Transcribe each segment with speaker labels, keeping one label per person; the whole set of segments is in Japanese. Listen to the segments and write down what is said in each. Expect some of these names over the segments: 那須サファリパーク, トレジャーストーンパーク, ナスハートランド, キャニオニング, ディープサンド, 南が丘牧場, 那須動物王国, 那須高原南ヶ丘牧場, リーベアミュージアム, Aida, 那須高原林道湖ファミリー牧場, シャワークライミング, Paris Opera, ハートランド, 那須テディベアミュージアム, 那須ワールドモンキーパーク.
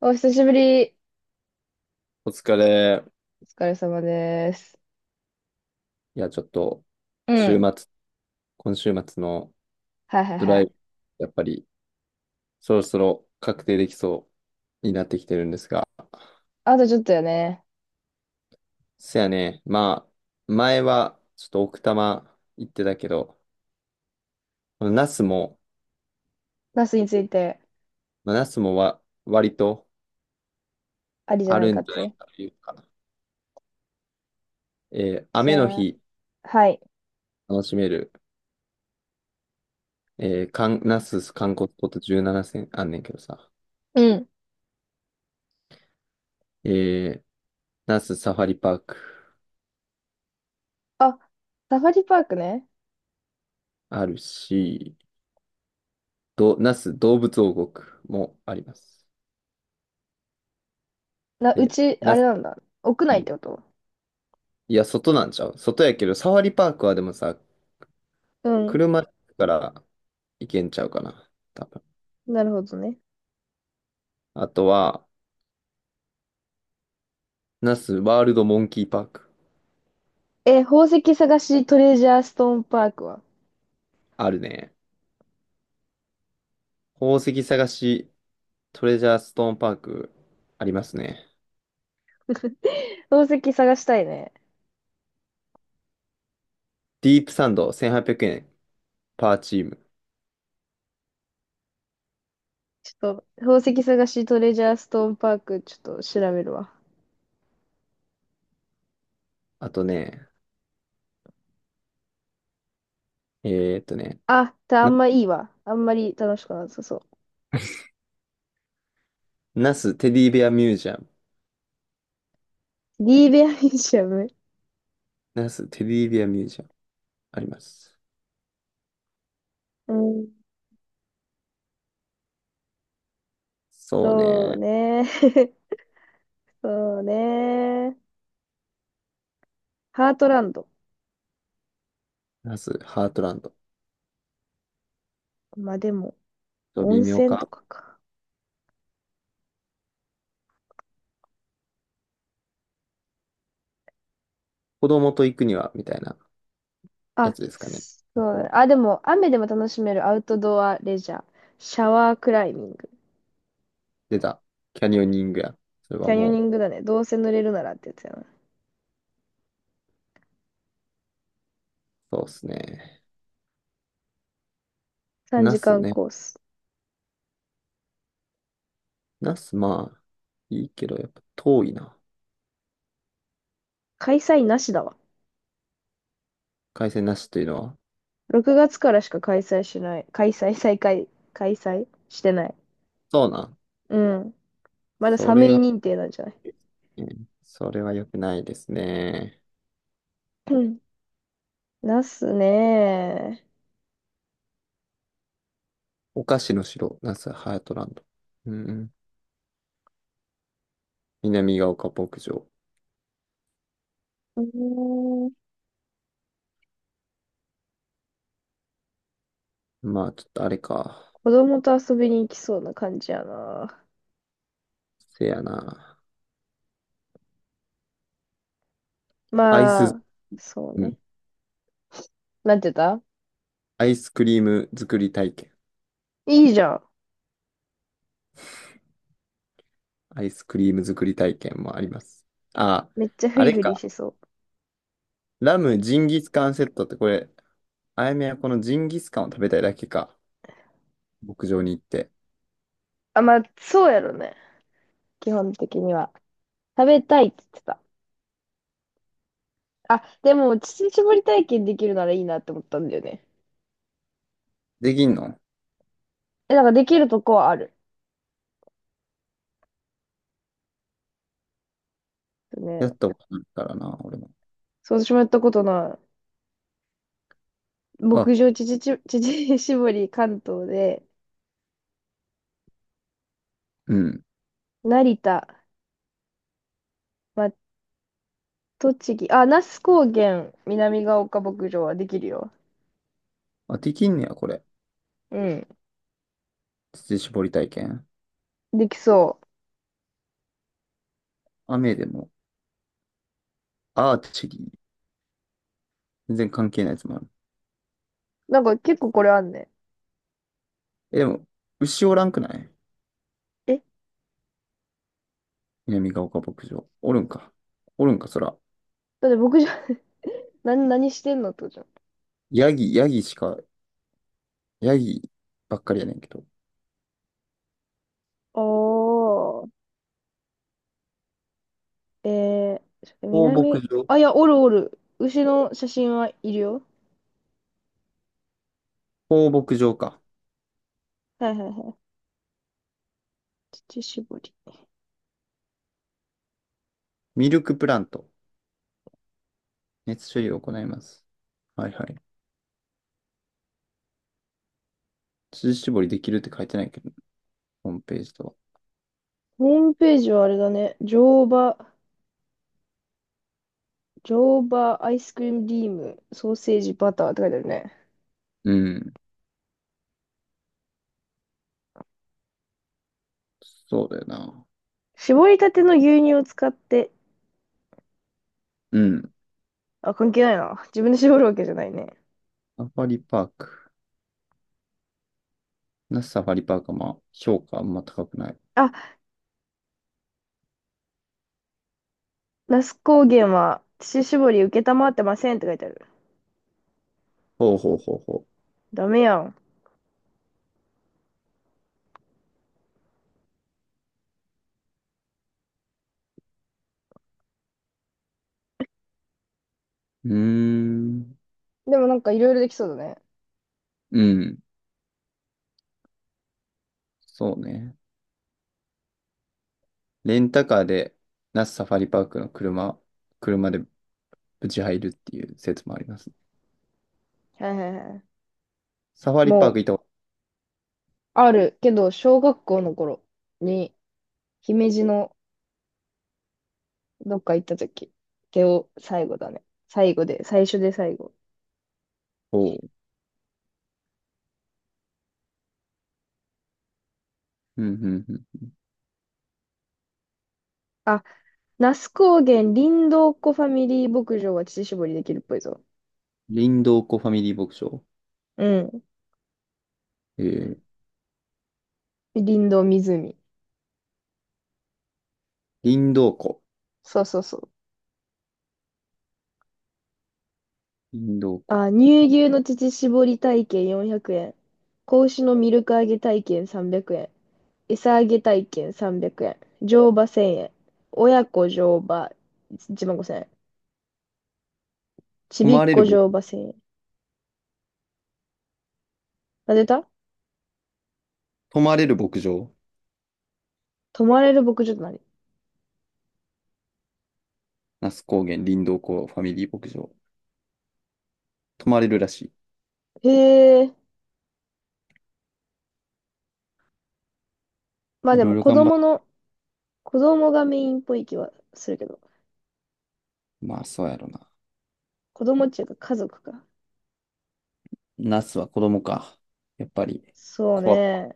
Speaker 1: お久しぶり。
Speaker 2: お疲れ。
Speaker 1: お疲れ様です。
Speaker 2: いや、ちょっと、
Speaker 1: う
Speaker 2: 週
Speaker 1: ん。
Speaker 2: 末、今週末の
Speaker 1: はいはい
Speaker 2: ド
Speaker 1: は
Speaker 2: ラ
Speaker 1: い。
Speaker 2: イブ、やっぱり、そろそろ確定できそうになってきてるんですが。
Speaker 1: あとちょっとよね。
Speaker 2: せやね、前は、ちょっと奥多摩行ってたけど、この那須も、
Speaker 1: ナスについて
Speaker 2: まあ、那須もわ、割と
Speaker 1: ありじゃ
Speaker 2: あ
Speaker 1: ない
Speaker 2: る
Speaker 1: か
Speaker 2: ん
Speaker 1: っ
Speaker 2: じゃない
Speaker 1: て。
Speaker 2: かというか、え
Speaker 1: じ
Speaker 2: 雨の
Speaker 1: ゃあ、
Speaker 2: 日
Speaker 1: はい。
Speaker 2: 楽しめる、那須観光スポット17選あんねんけどさ、
Speaker 1: うん。
Speaker 2: えー、那須サファリパーク
Speaker 1: あ、サファリパークね。
Speaker 2: あるし、那須動物王国もあります。
Speaker 1: う
Speaker 2: で、
Speaker 1: ち、あ
Speaker 2: 那
Speaker 1: れ
Speaker 2: 須、
Speaker 1: なんだ。屋内ってこと？
Speaker 2: いや、外なんちゃう外やけど、サファリパークはでもさ、
Speaker 1: うん。
Speaker 2: 車から行けんちゃうかな。多分。
Speaker 1: なるほどね。
Speaker 2: あとは、那須ワールドモンキーパーク。
Speaker 1: え、宝石探しトレジャーストーンパークは？
Speaker 2: あるね。宝石探し、トレジャーストーンパーク、ありますね。
Speaker 1: 宝石探したいね。
Speaker 2: ディープサンド、1800円、パーチーム。
Speaker 1: ちょっと、宝石探しトレジャーストーンパーク、ちょっと調べるわ。
Speaker 2: あとね、えーっとね、
Speaker 1: あ、あ
Speaker 2: な、
Speaker 1: んまいいわ。あんまり楽しくなさそ
Speaker 2: 那須テディベアミュージアム。
Speaker 1: う。リーベアミュージアム。
Speaker 2: 那須テディベアミュージアム、あります。
Speaker 1: うん。
Speaker 2: そう
Speaker 1: そう
Speaker 2: ね。
Speaker 1: ね。そうね。ハートランド。
Speaker 2: ナスハートランド。
Speaker 1: まあでも、
Speaker 2: と微
Speaker 1: 温
Speaker 2: 妙
Speaker 1: 泉と
Speaker 2: か。
Speaker 1: かか。
Speaker 2: 子供と行くには、みたいなや
Speaker 1: あ、
Speaker 2: つですかね。
Speaker 1: そう
Speaker 2: 僕
Speaker 1: だね。
Speaker 2: は。
Speaker 1: あ、でも、雨でも楽しめるアウトドアレジャー。シャワークライミング。
Speaker 2: 出た。キャニオニングや。それ
Speaker 1: キ
Speaker 2: は
Speaker 1: ャニオニ
Speaker 2: も
Speaker 1: ングだね。どうせ濡れるならってやつやな。
Speaker 2: う、そうっすね。
Speaker 1: 3
Speaker 2: ナ
Speaker 1: 時
Speaker 2: ス
Speaker 1: 間
Speaker 2: ね。
Speaker 1: コース。
Speaker 2: ナス、まあ、いいけど、やっぱ遠いな。
Speaker 1: 開催なしだわ。
Speaker 2: 海鮮なしというのは。
Speaker 1: 6月からしか開催しない。開催してない。
Speaker 2: そうなん。
Speaker 1: うん。まだ
Speaker 2: そ
Speaker 1: 寒い
Speaker 2: れは、
Speaker 1: 認定なんじゃない？
Speaker 2: ねそれは良くないですね。
Speaker 1: うん。ナスね。
Speaker 2: お菓子の城、ナス、ハートランド。うんうん。南が丘牧場。
Speaker 1: うーん
Speaker 2: まあ、ちょっとあれか。
Speaker 1: 子供と遊びに行きそうな感じやな。
Speaker 2: せやな。アイ
Speaker 1: ま
Speaker 2: ス、
Speaker 1: あ、そう
Speaker 2: う
Speaker 1: ね。
Speaker 2: ん。
Speaker 1: なんて言った？
Speaker 2: アイスクリーム作り体験。
Speaker 1: いいじゃん。
Speaker 2: アイスクリーム作り体験もあります。あ、
Speaker 1: めっちゃフ
Speaker 2: あ
Speaker 1: リ
Speaker 2: れ
Speaker 1: フリし
Speaker 2: か。
Speaker 1: そう。
Speaker 2: ラムジンギスカンセットってこれ、あやめはこのジンギスカンを食べたいだけか。牧場に行って。
Speaker 1: あ、まあ、そうやろね。基本的には。食べたいって言ってた。あ、でも、乳搾り体験できるならいいなって思ったんだよね。
Speaker 2: できんの、
Speaker 1: え、なんかできるとこはある？
Speaker 2: やっ
Speaker 1: ね。
Speaker 2: たことないからな、俺も。
Speaker 1: そう、私もやったことない。
Speaker 2: あ、
Speaker 1: 牧場乳搾り乳搾り関東で、
Speaker 2: うん。
Speaker 1: 成田、まあ、栃木、あ、那須高原南ヶ丘牧場はできるよ。
Speaker 2: あ、できんねや、これ。
Speaker 1: うん。
Speaker 2: 乳搾り体験。
Speaker 1: できそう。
Speaker 2: 雨でも。アーチェリー。全然関係ないやつもある。
Speaker 1: なんか結構これあんね。
Speaker 2: え、でも、牛おらんくない、
Speaker 1: え
Speaker 2: 南ヶ丘牧場。おるんか。おるんか、そら。
Speaker 1: だって僕じゃ、何してんのってことじゃん。
Speaker 2: ヤギ、ヤギしか、ヤギばっかりやねんけど。
Speaker 1: おー。ちょっと
Speaker 2: 放牧場、
Speaker 1: いや、おるおる。牛の写真はいるよ。
Speaker 2: 放牧場か。
Speaker 1: はいはいはい。乳搾り。
Speaker 2: ミルクプラント。熱処理を行います。はいはい。乳搾りできるって書いてないけど、ホームページとは。
Speaker 1: ホームページはあれだね。乗馬アイスクリームリーム、ソーセージ、バターって書いてあるね。
Speaker 2: うん。そうだよな。
Speaker 1: 絞りたての牛乳を使って、
Speaker 2: うん。
Speaker 1: あ、関係ないな。自分で絞るわけじゃないね。
Speaker 2: サファリパーク。なぜサファリパークはまあ、評価あんま高くない。
Speaker 1: あ、那須高原は乳搾り承ってませんって書いてある。
Speaker 2: ほうほうほうほ
Speaker 1: ダメやん。
Speaker 2: う。うーん。
Speaker 1: でもなんかいろいろできそうだね。
Speaker 2: うん。そうね。レンタカーで、那須サファリパークの車、車でぶち入るっていう説もあります。
Speaker 1: はいはいはい。
Speaker 2: サファリパー
Speaker 1: も
Speaker 2: ク
Speaker 1: う、
Speaker 2: 行った、
Speaker 1: あるけど、小学校の頃に、姫路のどっか行った時、最後だね。最後で、最初で最後。
Speaker 2: おおう。うん、うん、うん。
Speaker 1: あ、那須高原林道湖ファミリー牧場は乳搾りできるっぽいぞ。
Speaker 2: 林道湖ファミリー牧場。
Speaker 1: うん。
Speaker 2: えー、
Speaker 1: 林道湖。
Speaker 2: 林道湖。
Speaker 1: そうそうそう。
Speaker 2: 林道湖。
Speaker 1: あ、乳牛の乳搾り体験400円。子牛のミルク揚げ体験300円。餌揚げ体験300円。乗馬1000円。親子乗馬1万5000円。ち
Speaker 2: 泊
Speaker 1: びっ
Speaker 2: まれる
Speaker 1: こ
Speaker 2: ぼ、
Speaker 1: 乗馬制。なぜた
Speaker 2: 泊まれる牧場。
Speaker 1: 泊まれる牧場となり。
Speaker 2: 那須高原林道湖ファミリー牧場。泊まれるらし
Speaker 1: へえ。まあ
Speaker 2: い。い
Speaker 1: で
Speaker 2: ろい
Speaker 1: も
Speaker 2: ろ
Speaker 1: 子
Speaker 2: 頑張っ
Speaker 1: 供
Speaker 2: て。
Speaker 1: の、子供がメインっぽい気はするけど。
Speaker 2: まあ、そうやろな。
Speaker 1: 子供っていうか家族か。
Speaker 2: 那須は子供か。やっぱり、
Speaker 1: そう
Speaker 2: 怖っ。
Speaker 1: ね。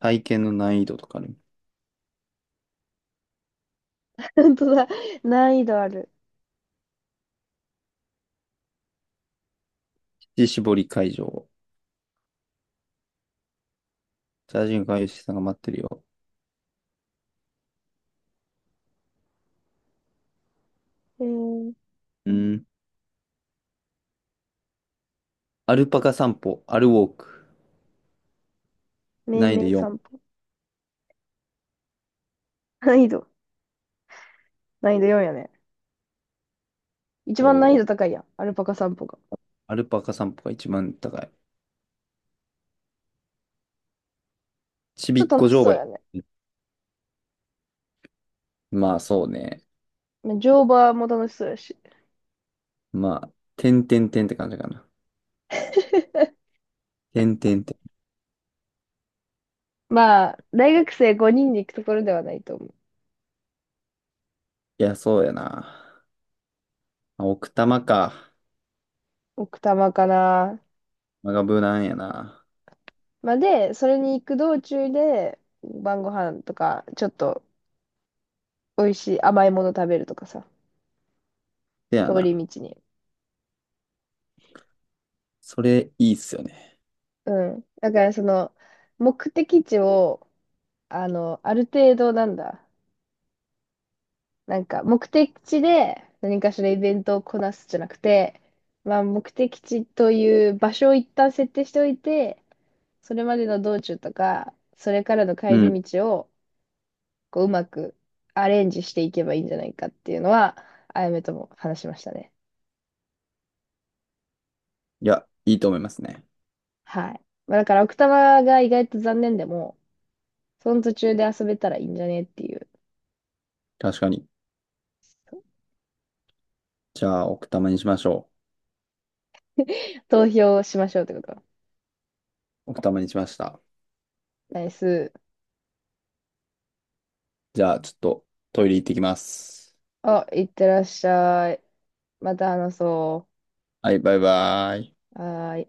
Speaker 2: 体験の難易度とかね。
Speaker 1: 本当だ。難易度ある。
Speaker 2: 乳搾り会場。チャージング会社さんが待ってるよ。
Speaker 1: へえ。
Speaker 2: うん。アルパカ散歩、アルウォーク、
Speaker 1: 命
Speaker 2: 難易度
Speaker 1: 名
Speaker 2: 4。
Speaker 1: 散歩。難易度。難易度4やね。一
Speaker 2: お
Speaker 1: 番難易
Speaker 2: ー、
Speaker 1: 度高いやん。アルパカ散歩が。
Speaker 2: アルパカ散歩が一番高い。ち
Speaker 1: ち
Speaker 2: び
Speaker 1: ょっ
Speaker 2: っ
Speaker 1: と
Speaker 2: こ
Speaker 1: 楽し
Speaker 2: 乗
Speaker 1: そ
Speaker 2: 馬。
Speaker 1: うやね。
Speaker 2: まあそうね。
Speaker 1: 乗馬も楽しそうやし。
Speaker 2: まあ、てんてんてんって感じかな。てんてんてん。
Speaker 1: まあ、大学生5人で行くところではないと思う。
Speaker 2: いや、そうやな。まあ奥多摩か。
Speaker 1: 奥多摩かな。
Speaker 2: まがブラやな。
Speaker 1: まあ、で、それに行く道中で、晩ご飯とか、ちょっと美味しい甘いもの食べるとかさ、
Speaker 2: せや
Speaker 1: 通
Speaker 2: な。
Speaker 1: り道に。
Speaker 2: それいいっすよね。
Speaker 1: うん。だから、目的地を、ある程度なんだ。なんか、目的地で何かしらイベントをこなすじゃなくて、まあ、目的地という場所を一旦設定しておいて、それまでの道中とか、それからの
Speaker 2: う
Speaker 1: 帰
Speaker 2: ん。
Speaker 1: り道を、こう、うまくアレンジしていけばいいんじゃないかっていうのは、あやめとも話しましたね。
Speaker 2: いや、いいと思いますね。
Speaker 1: はい。まあ、だから奥多摩が意外と残念でも、その途中で遊べたらいいんじゃねっていう。
Speaker 2: 確かに。じゃあ、奥多摩にしましょ
Speaker 1: 投票しましょうってこと。
Speaker 2: う。奥多摩にしました。
Speaker 1: ナイス。
Speaker 2: じゃあ、ちょっとトイレ行ってきます。
Speaker 1: あ、いってらっしゃい。また話そ
Speaker 2: はい、バイバイ。
Speaker 1: う。はーい。